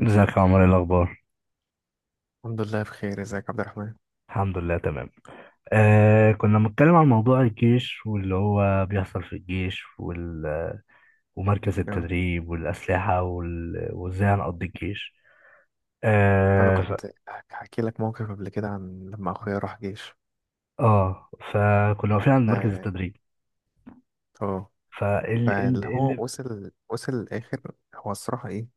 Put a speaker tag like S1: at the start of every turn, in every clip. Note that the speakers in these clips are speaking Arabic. S1: ازيك يا عمر؟ ايه الاخبار؟
S2: الحمد لله بخير. ازيك يا عبد الرحمن؟
S1: الحمد لله تمام. كنا بنتكلم عن موضوع الجيش واللي هو بيحصل في الجيش ومركز
S2: يو.
S1: التدريب والاسلحه وازاي هنقضي الجيش.
S2: انا
S1: اه ف...
S2: كنت هحكي لك موقف قبل كده عن لما اخويا راح جيش.
S1: اه فكنا واقفين عند مركز
S2: ف-
S1: التدريب.
S2: اه
S1: فال ال...
S2: فاللي
S1: إيه
S2: هو
S1: ال...
S2: وصل الاخر. هو الصراحه ايه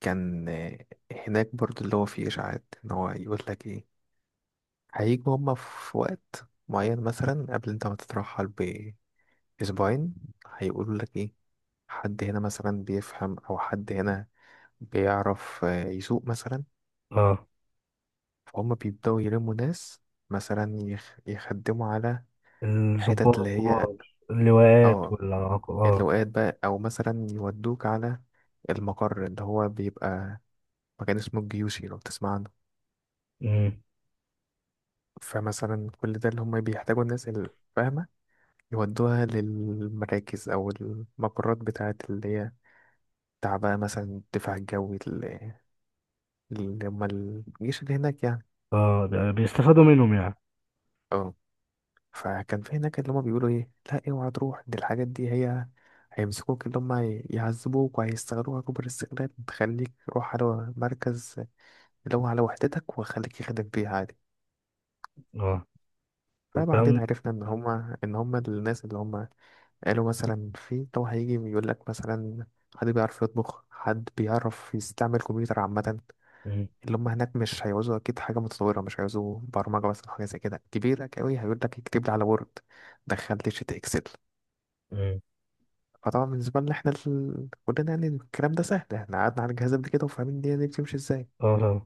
S2: كان. هناك برضو اللي هو فيه اشاعات ان هو يقول لك ايه: هيجوا هما في وقت معين مثلا قبل انت ما تترحل باسبوعين. هيقولوا لك ايه: حد هنا مثلا بيفهم او حد هنا بيعرف يسوق مثلا.
S1: اه
S2: فهم بيبدأوا يلموا ناس مثلا يخدموا على
S1: الضباط
S2: حتت اللي هي،
S1: الكبار، اللواءات
S2: اه
S1: والعقاب. اه
S2: اللواءات بقى، أو مثلا يودوك على المقر اللي هو بيبقى مكان اسمه الجيوشي، لو تسمع عنه.
S1: مم.
S2: فمثلا كل ده اللي هم بيحتاجوا الناس الفاهمة يودوها للمراكز أو المقرات بتاعت اللي هي بتاع بقى مثلا الدفاع الجوي، اللي هم الجيش اللي هناك يعني.
S1: اه ده بيستفادوا منهم يعني.
S2: اه فكان في هناك اللي هما بيقولوا ايه: لا اوعى تروح. دي الحاجات دي هي هيمسكوك اللي هما، يعذبوك، وهيستغلوها كبر استغلال. تخليك روح على مركز اللي هو على وحدتك وخليك يخدم فيه عادي.
S1: اه
S2: فبعدين
S1: والكلام.
S2: عرفنا ان هما الناس اللي هما قالوا مثلا: في لو هيجي يقول لك مثلا حد بيعرف يطبخ، حد بيعرف يستعمل كمبيوتر عامة.
S1: مم.
S2: اللي هم هناك مش هيعوزوا أكيد حاجة متطورة، مش هيعوزوا برمجة مثلا، حاجة زي كده كبيرة أوي. هيقول لك: اكتب لي على وورد، دخل لي شيت إكسل.
S1: مم.
S2: فطبعا بالنسبة لنا احنا كلنا يعني الكلام ده سهل. احنا قعدنا على الجهاز قبل كده وفاهمين الدنيا دي بتمشي ازاي.
S1: اه طبعا.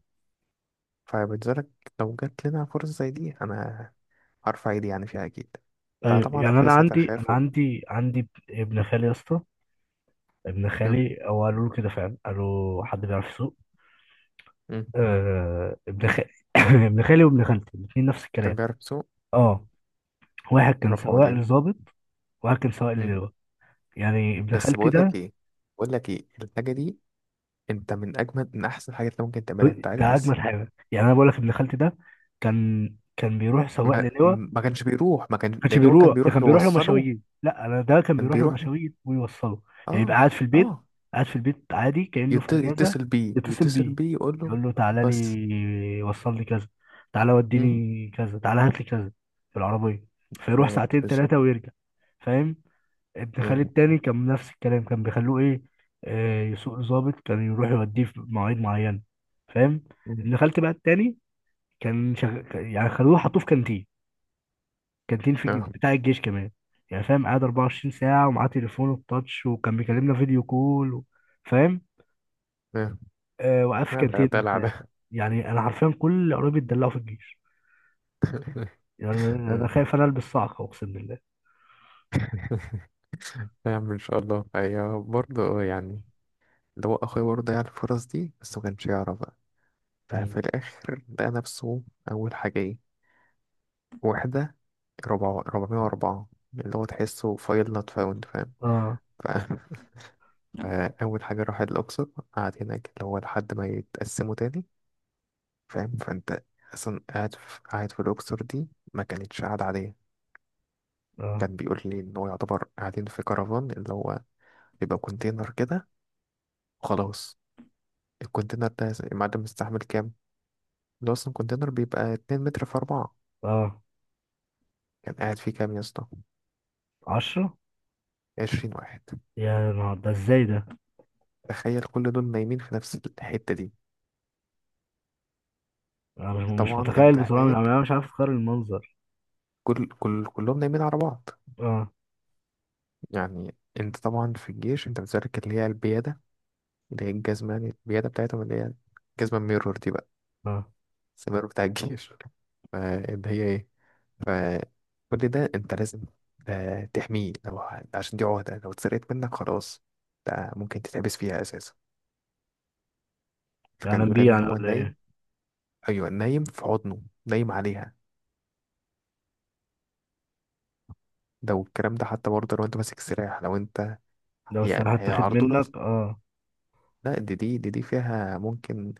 S2: فبالنسبة لك، لو جات لنا فرصة زي دي، انا هرفع ايدي يعني فيها اكيد.
S1: ايوه
S2: فطبعا
S1: يعني
S2: اخويا
S1: انا
S2: ساعتها
S1: عندي انا
S2: خاف.
S1: عندي عندي ابن خالي يا اسطى. ابن
S2: آه.
S1: خالي هو قالوا له كده فعلا، قالوا حد بيعرف يسوق.
S2: مم.
S1: آه ابن خالي. ابن خالي وابن خالتي الاثنين نفس
S2: كان
S1: الكلام.
S2: بيعرف يسوق. مم.
S1: اه. واحد كان
S2: رفع
S1: سواق
S2: ايديه.
S1: لظابط وواحد كان سواق
S2: مم.
S1: للواء. يعني ابن
S2: بس
S1: خالتي
S2: بقول لك
S1: ده،
S2: ايه بقول لك ايه الحاجة دي انت من اجمل من احسن حاجات اللي ممكن تعملها، انت عارف،
S1: ده
S2: بس
S1: اجمل حاجه. يعني انا بقول لك ابن خالتي ده كان كان بيروح سواق
S2: ما,
S1: للواء.
S2: ما كانش بيروح. ما كان
S1: كانش
S2: اللي هو كان
S1: بيروح، ده
S2: بيروح
S1: كان بيروح له
S2: يوصله.
S1: مشاوير. لا انا ده كان
S2: كان
S1: بيروح له
S2: بيروح
S1: مشاوير ويوصله. يعني يبقى
S2: اه
S1: قاعد في البيت،
S2: اه
S1: قاعد في البيت عادي كأنه في اجازه.
S2: يتصل بيه
S1: يتصل
S2: يتصل
S1: بيه
S2: بيه يقول له.
S1: يقول له تعالى
S2: بس.
S1: لي وصل لي كذا، تعالى
S2: مم.
S1: وديني كذا، تعالى هات لي كذا في العربيه. فيروح
S2: بالظبط
S1: ساعتين
S2: بالظبط.
S1: ثلاثه ويرجع، فاهم؟ ابن
S2: اه.
S1: خالي التاني كان نفس الكلام، كان بيخلوه ايه آه، يسوق ظابط. كان يروح يوديه في مواعيد معينه، فاهم؟
S2: مم.
S1: ابن خالتي بقى التاني كان يعني خلوه حطوه في كانتين، كانتين في
S2: اه.
S1: بتاع الجيش كمان. يعني فاهم، قاعد 24 ساعة ومعاه تليفونه التاتش وكان بيكلمنا فيديو كول فاهم.
S2: اه.
S1: آه وقف في
S2: لا، ده
S1: كانتين
S2: دلع
S1: مرتاح.
S2: ده.
S1: يعني أنا حرفيا كل قرايبي اتدلعوا في الجيش. يعني أنا
S2: اه.
S1: خايف أنا ألبس صعقة أقسم بالله.
S2: نعم ان شاء الله هي برضه يعني اللي هو اخويا برضه ضيع الفرص دي، بس ما كانش يعرف بقى.
S1: مم.
S2: ففي الاخر لقى نفسه اول حاجه ايه: واحده ربع 404، اللي هو تحسه فايل نوت فاوند، فاهم؟
S1: آه.
S2: ف- فاول حاجه راح الاقصر. قعد هناك اللي هو لحد ما يتقسموا تاني، فاهم؟ فانت اصلا قاعد في الاقصر دي ما كانتش قاعده عاديه.
S1: آه.
S2: كان بيقول لي ان هو يعتبر قاعدين في كرفان، اللي هو بيبقى كونتينر كده وخلاص. الكونتينر ده المعدن مستحمل كام؟ اللي هو اصلا كونتينر بيبقى 2 متر في 4.
S1: آه.
S2: كان قاعد فيه كام يا اسطى؟
S1: عشرة.
S2: 20 واحد.
S1: يا نهار ده، ازاي ده؟
S2: تخيل كل دول نايمين في نفس الحتة دي.
S1: أنا مش
S2: طبعا انت
S1: متخيل بصراحة.
S2: هناك
S1: أنا مش عارف أتخيل المنظر.
S2: كل كل كلهم نايمين على بعض.
S1: آه.
S2: يعني انت طبعا في الجيش انت بتشارك اللي هي البيادة، اللي هي الجزمة يعني، البيادة بتاعتهم اللي هي الجزمة الميرور دي بقى،
S1: آه.
S2: السمير بتاع الجيش. فاللي هي ايه، فكل ده انت لازم تحميه. لو عشان دي عهدة، لو اتسرقت منك خلاص ده ممكن تتحبس فيها اساسا. فكان
S1: يعني
S2: بيقول
S1: بيه
S2: ان
S1: يعني
S2: هو
S1: ولا إيه؟
S2: نايم. ايوه، نايم في حضنه، نايم عليها. لو الكلام ده حتى برضه، لو انت ماسك سلاح، لو انت
S1: لو
S2: هي
S1: السلاح
S2: هي
S1: اتاخد
S2: على طول
S1: منك آه.
S2: لا، دي فيها ممكن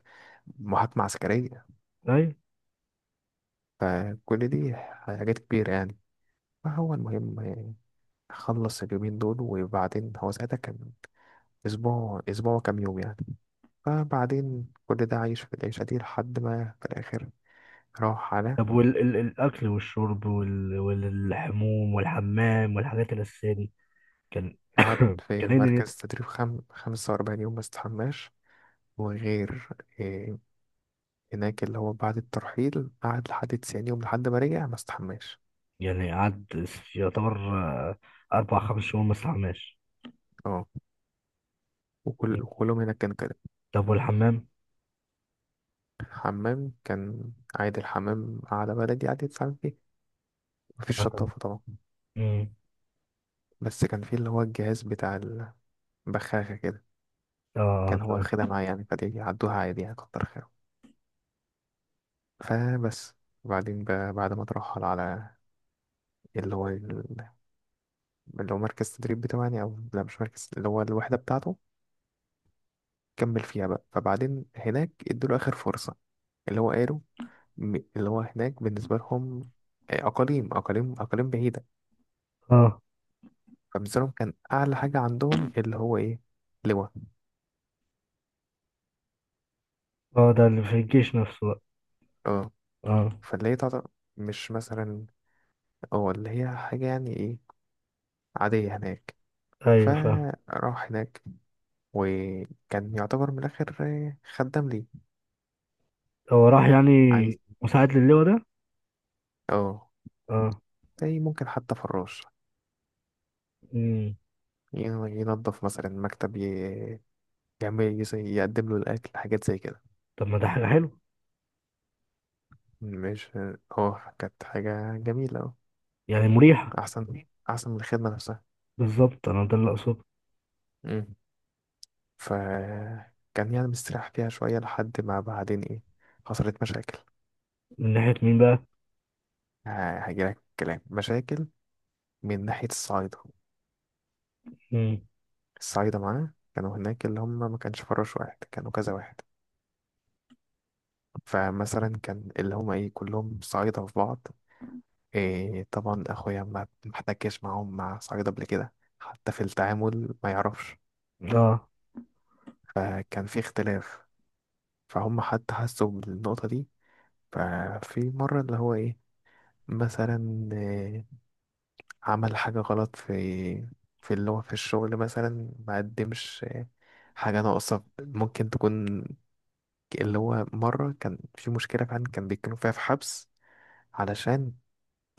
S2: محاكمة عسكرية.
S1: أيوة.
S2: فكل دي حاجات كبيرة يعني. فهو المهم خلص اليومين دول. وبعدين هو ساعتها كان أسبوع، أسبوع كام يوم يعني. فبعدين كل ده عايش في العيشة دي لحد ما في الآخر راح على،
S1: طب والأكل والشرب والحموم والحمام والحاجات الأساسية دي؟ كان.
S2: قعد في
S1: كان إيه نيته؟
S2: مركز تدريب 45 يوم ما استحماش. وغير إيه هناك اللي هو بعد الترحيل قعد لحد 90 يوم، لحد ما رجع ما استحماش.
S1: يعني قعد يعتبر أربع خمس شهور ما استحماش.
S2: اه
S1: مم.
S2: وكلهم هناك كان كده.
S1: طب والحمام؟
S2: حمام كان عادي. الحمام قعدة بلدي عادي تتعامل فيه، مفيش
S1: آه طبعا.
S2: شطافة طبعا.
S1: مم.
S2: بس كان فيه اللي هو الجهاز بتاع البخاخة كده،
S1: آه
S2: كان هو
S1: طبعا.
S2: واخدها معاه يعني، فدي عدوها عادي يعني، كتر خير. فبس. وبعدين بقى بعد ما اترحل على اللي هو اللي هو مركز التدريب بتاعه يعني، او لا مش مركز، اللي هو الوحدة بتاعته. كمل فيها بقى. فبعدين هناك ادوله اخر فرصة. اللي هو قالوا، اللي هو هناك بالنسبة لهم اقاليم اقاليم اقاليم بعيدة.
S1: آه.
S2: فبالنسبة لهم كان اعلى حاجة عندهم اللي هو ايه: لواء.
S1: آه، ده اللي في الجيش نفسه بقى.
S2: اه
S1: آه.
S2: فاللي هي تعتبر مش مثلا، اه اللي هي حاجة يعني ايه، عادية هناك.
S1: أيوه فاهم.
S2: فراح هناك. وكان يعتبر من الآخر خدام ليه.
S1: هو راح يعني
S2: عايز
S1: مساعد للواء ده؟
S2: اه
S1: آه.
S2: زي ممكن حتى فراش،
S1: مم.
S2: ينظف مثلا مكتب، يعمل، يقدم له الأكل، حاجات زي كده.
S1: طب ما ده حاجة حلوة.
S2: مش. اه كانت حاجة جميلة، اه،
S1: يعني مريحة.
S2: أحسن أحسن من الخدمة نفسها.
S1: بالظبط، أنا ده اللي أقصده.
S2: مم. ف كان يعني مستريح فيها شوية لحد ما بعدين ايه: حصلت مشاكل.
S1: من ناحية مين بقى؟
S2: هجيلك كلام مشاكل من ناحية الصعايدة.
S1: مم.
S2: الصعايدة معانا كانوا هناك اللي هم ما كانش فراش واحد، كانوا كذا واحد. فمثلا كان اللي هم ايه كلهم صعايدة في بعض. طبعا اخويا ما احتكش معاهم، مع صعيد قبل كده حتى في التعامل ما يعرفش.
S1: آه.
S2: فكان في اختلاف. فهم حتى حسوا بالنقطة دي. ففي مرة اللي هو ايه، مثلا عمل حاجة غلط في، اللي هو في الشغل مثلا ما قدمش حاجة ناقصة ممكن تكون. اللي هو مرة كان في مشكلة فعلا كان بيتكلموا فيها في حبس علشان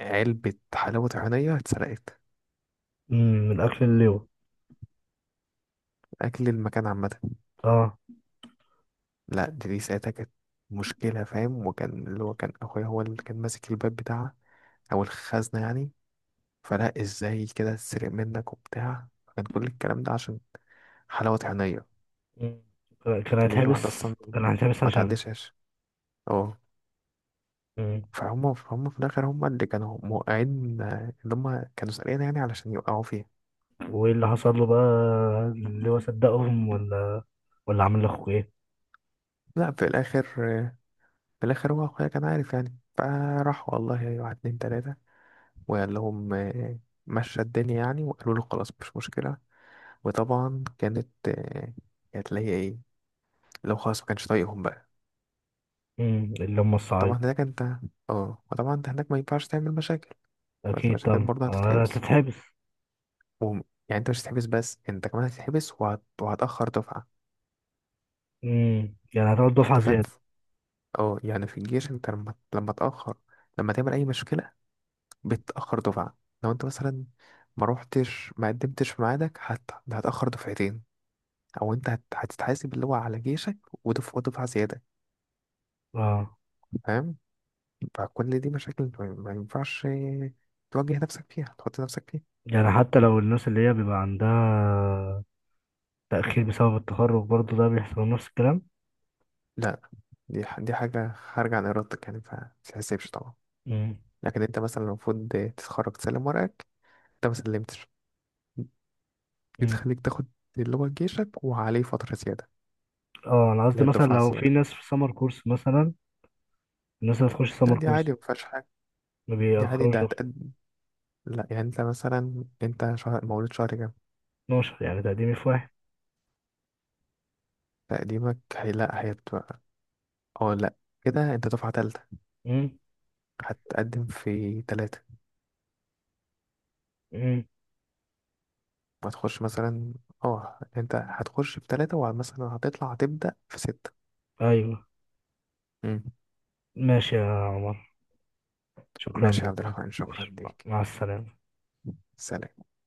S2: علبة حلاوة طحينية اتسرقت.
S1: مم. من أكل اللواء.
S2: أكل المكان عامة.
S1: آه.
S2: لا، دي ساعتها كانت مشكلة، فاهم؟ وكان اللي هو كان أخويا هو اللي كان ماسك الباب بتاعها، أو الخزنة يعني. فلا إزاي كده تسرق منك وبتاع. كان كل الكلام ده عشان حلاوة عينيا.
S1: مم. كان
S2: اللي هي الواحدة
S1: هيتحبس.
S2: أصلا
S1: كان هيتحبس
S2: ما
S1: عشان.
S2: تعدشهاش. اه
S1: مم.
S2: فهم في الآخر هم اللي كانوا موقعين، اللي هم كانوا سارقين يعني علشان يوقعوا فيها.
S1: وايه اللي حصل له بقى؟ اللي هو صدقهم، ولا ولا عمل لاخوه ايه؟
S2: لا، آه، في الآخر هو أخويا كان عارف يعني. فراح والله واحد اتنين تلاتة وقال لهم، مشى الدنيا يعني. وقالوا له خلاص، مش مشكلة. وطبعا كانت اللي هي ايه، لو خلاص ما كانش طايقهم بقى.
S1: مم. اللي هم الصعيد.
S2: طبعا هناك انت، اه وطبعا انت هناك ما ينفعش تعمل مشاكل. قلت
S1: اكيد
S2: مشاكل
S1: طبعا
S2: برضه هتتحبس.
S1: هتتحبس.
S2: وهم- يعني انت مش هتتحبس بس، انت كمان هتتحبس وهتأخر دفعة.
S1: مم. يعني هتقعد دفعة
S2: انت فاهم؟
S1: زيادة.
S2: اه يعني في الجيش انت لما تأخر، لما تعمل اي مشكلة، بتأخر دفعة. لو انت مثلا ما روحتش، ما قدمتش في ميعادك، هتأخر دفعتين. او انت هتتحاسب اللي هو على جيشك ودفعة زيادة.
S1: اه.
S2: فاهم؟ فكل دي مشاكل ما ينفعش تواجه نفسك فيها، تحط نفسك فيها.
S1: يعني حتى لو الناس اللي هي بيبقى عندها تأخير بسبب التخرج، برضه ده بيحصل نفس الكلام؟
S2: لا، دي حاجة خارجة عن إرادتك يعني فمتتحسبش طبعا.
S1: مم.
S2: لكن أنت مثلا المفروض تتخرج، تسلم ورقك. أنت ما سلمتش. دي
S1: مم.
S2: تخليك تاخد اللي هو جيشك وعليه فترة زيادة،
S1: اه انا
S2: اللي
S1: قصدي
S2: هي
S1: مثلا
S2: الدفعة
S1: لو في
S2: الزيادة.
S1: ناس في سمر كورس مثلا، الناس اللي تخش
S2: لا،
S1: سمر
S2: دي عادي،
S1: كورس
S2: ما فيهاش حاجة.
S1: ما
S2: دي عادي
S1: بيأخروش
S2: ده
S1: غير
S2: هتقد. لا يعني أنت مثلا، أنت شهر مولود شهر كام؟
S1: 12. يعني تقديمي في واحد.
S2: تقديمك هي، لا، هيبقى، أو لا، كده أنت دفعة تالتة.
S1: مم.
S2: هتقدم في تلاتة.
S1: مم.
S2: وهتخش مثلا، اه انت هتخش في ثلاثة ومثلا هتطلع، هتبدأ في ستة.
S1: ايوه.
S2: مم.
S1: ماشي يا عمر، شكرا
S2: ماشي يا عبد
S1: لك.
S2: الرحمن، شكرا
S1: ماشي، مع
S2: ليك.
S1: مع السلامة.
S2: سلام.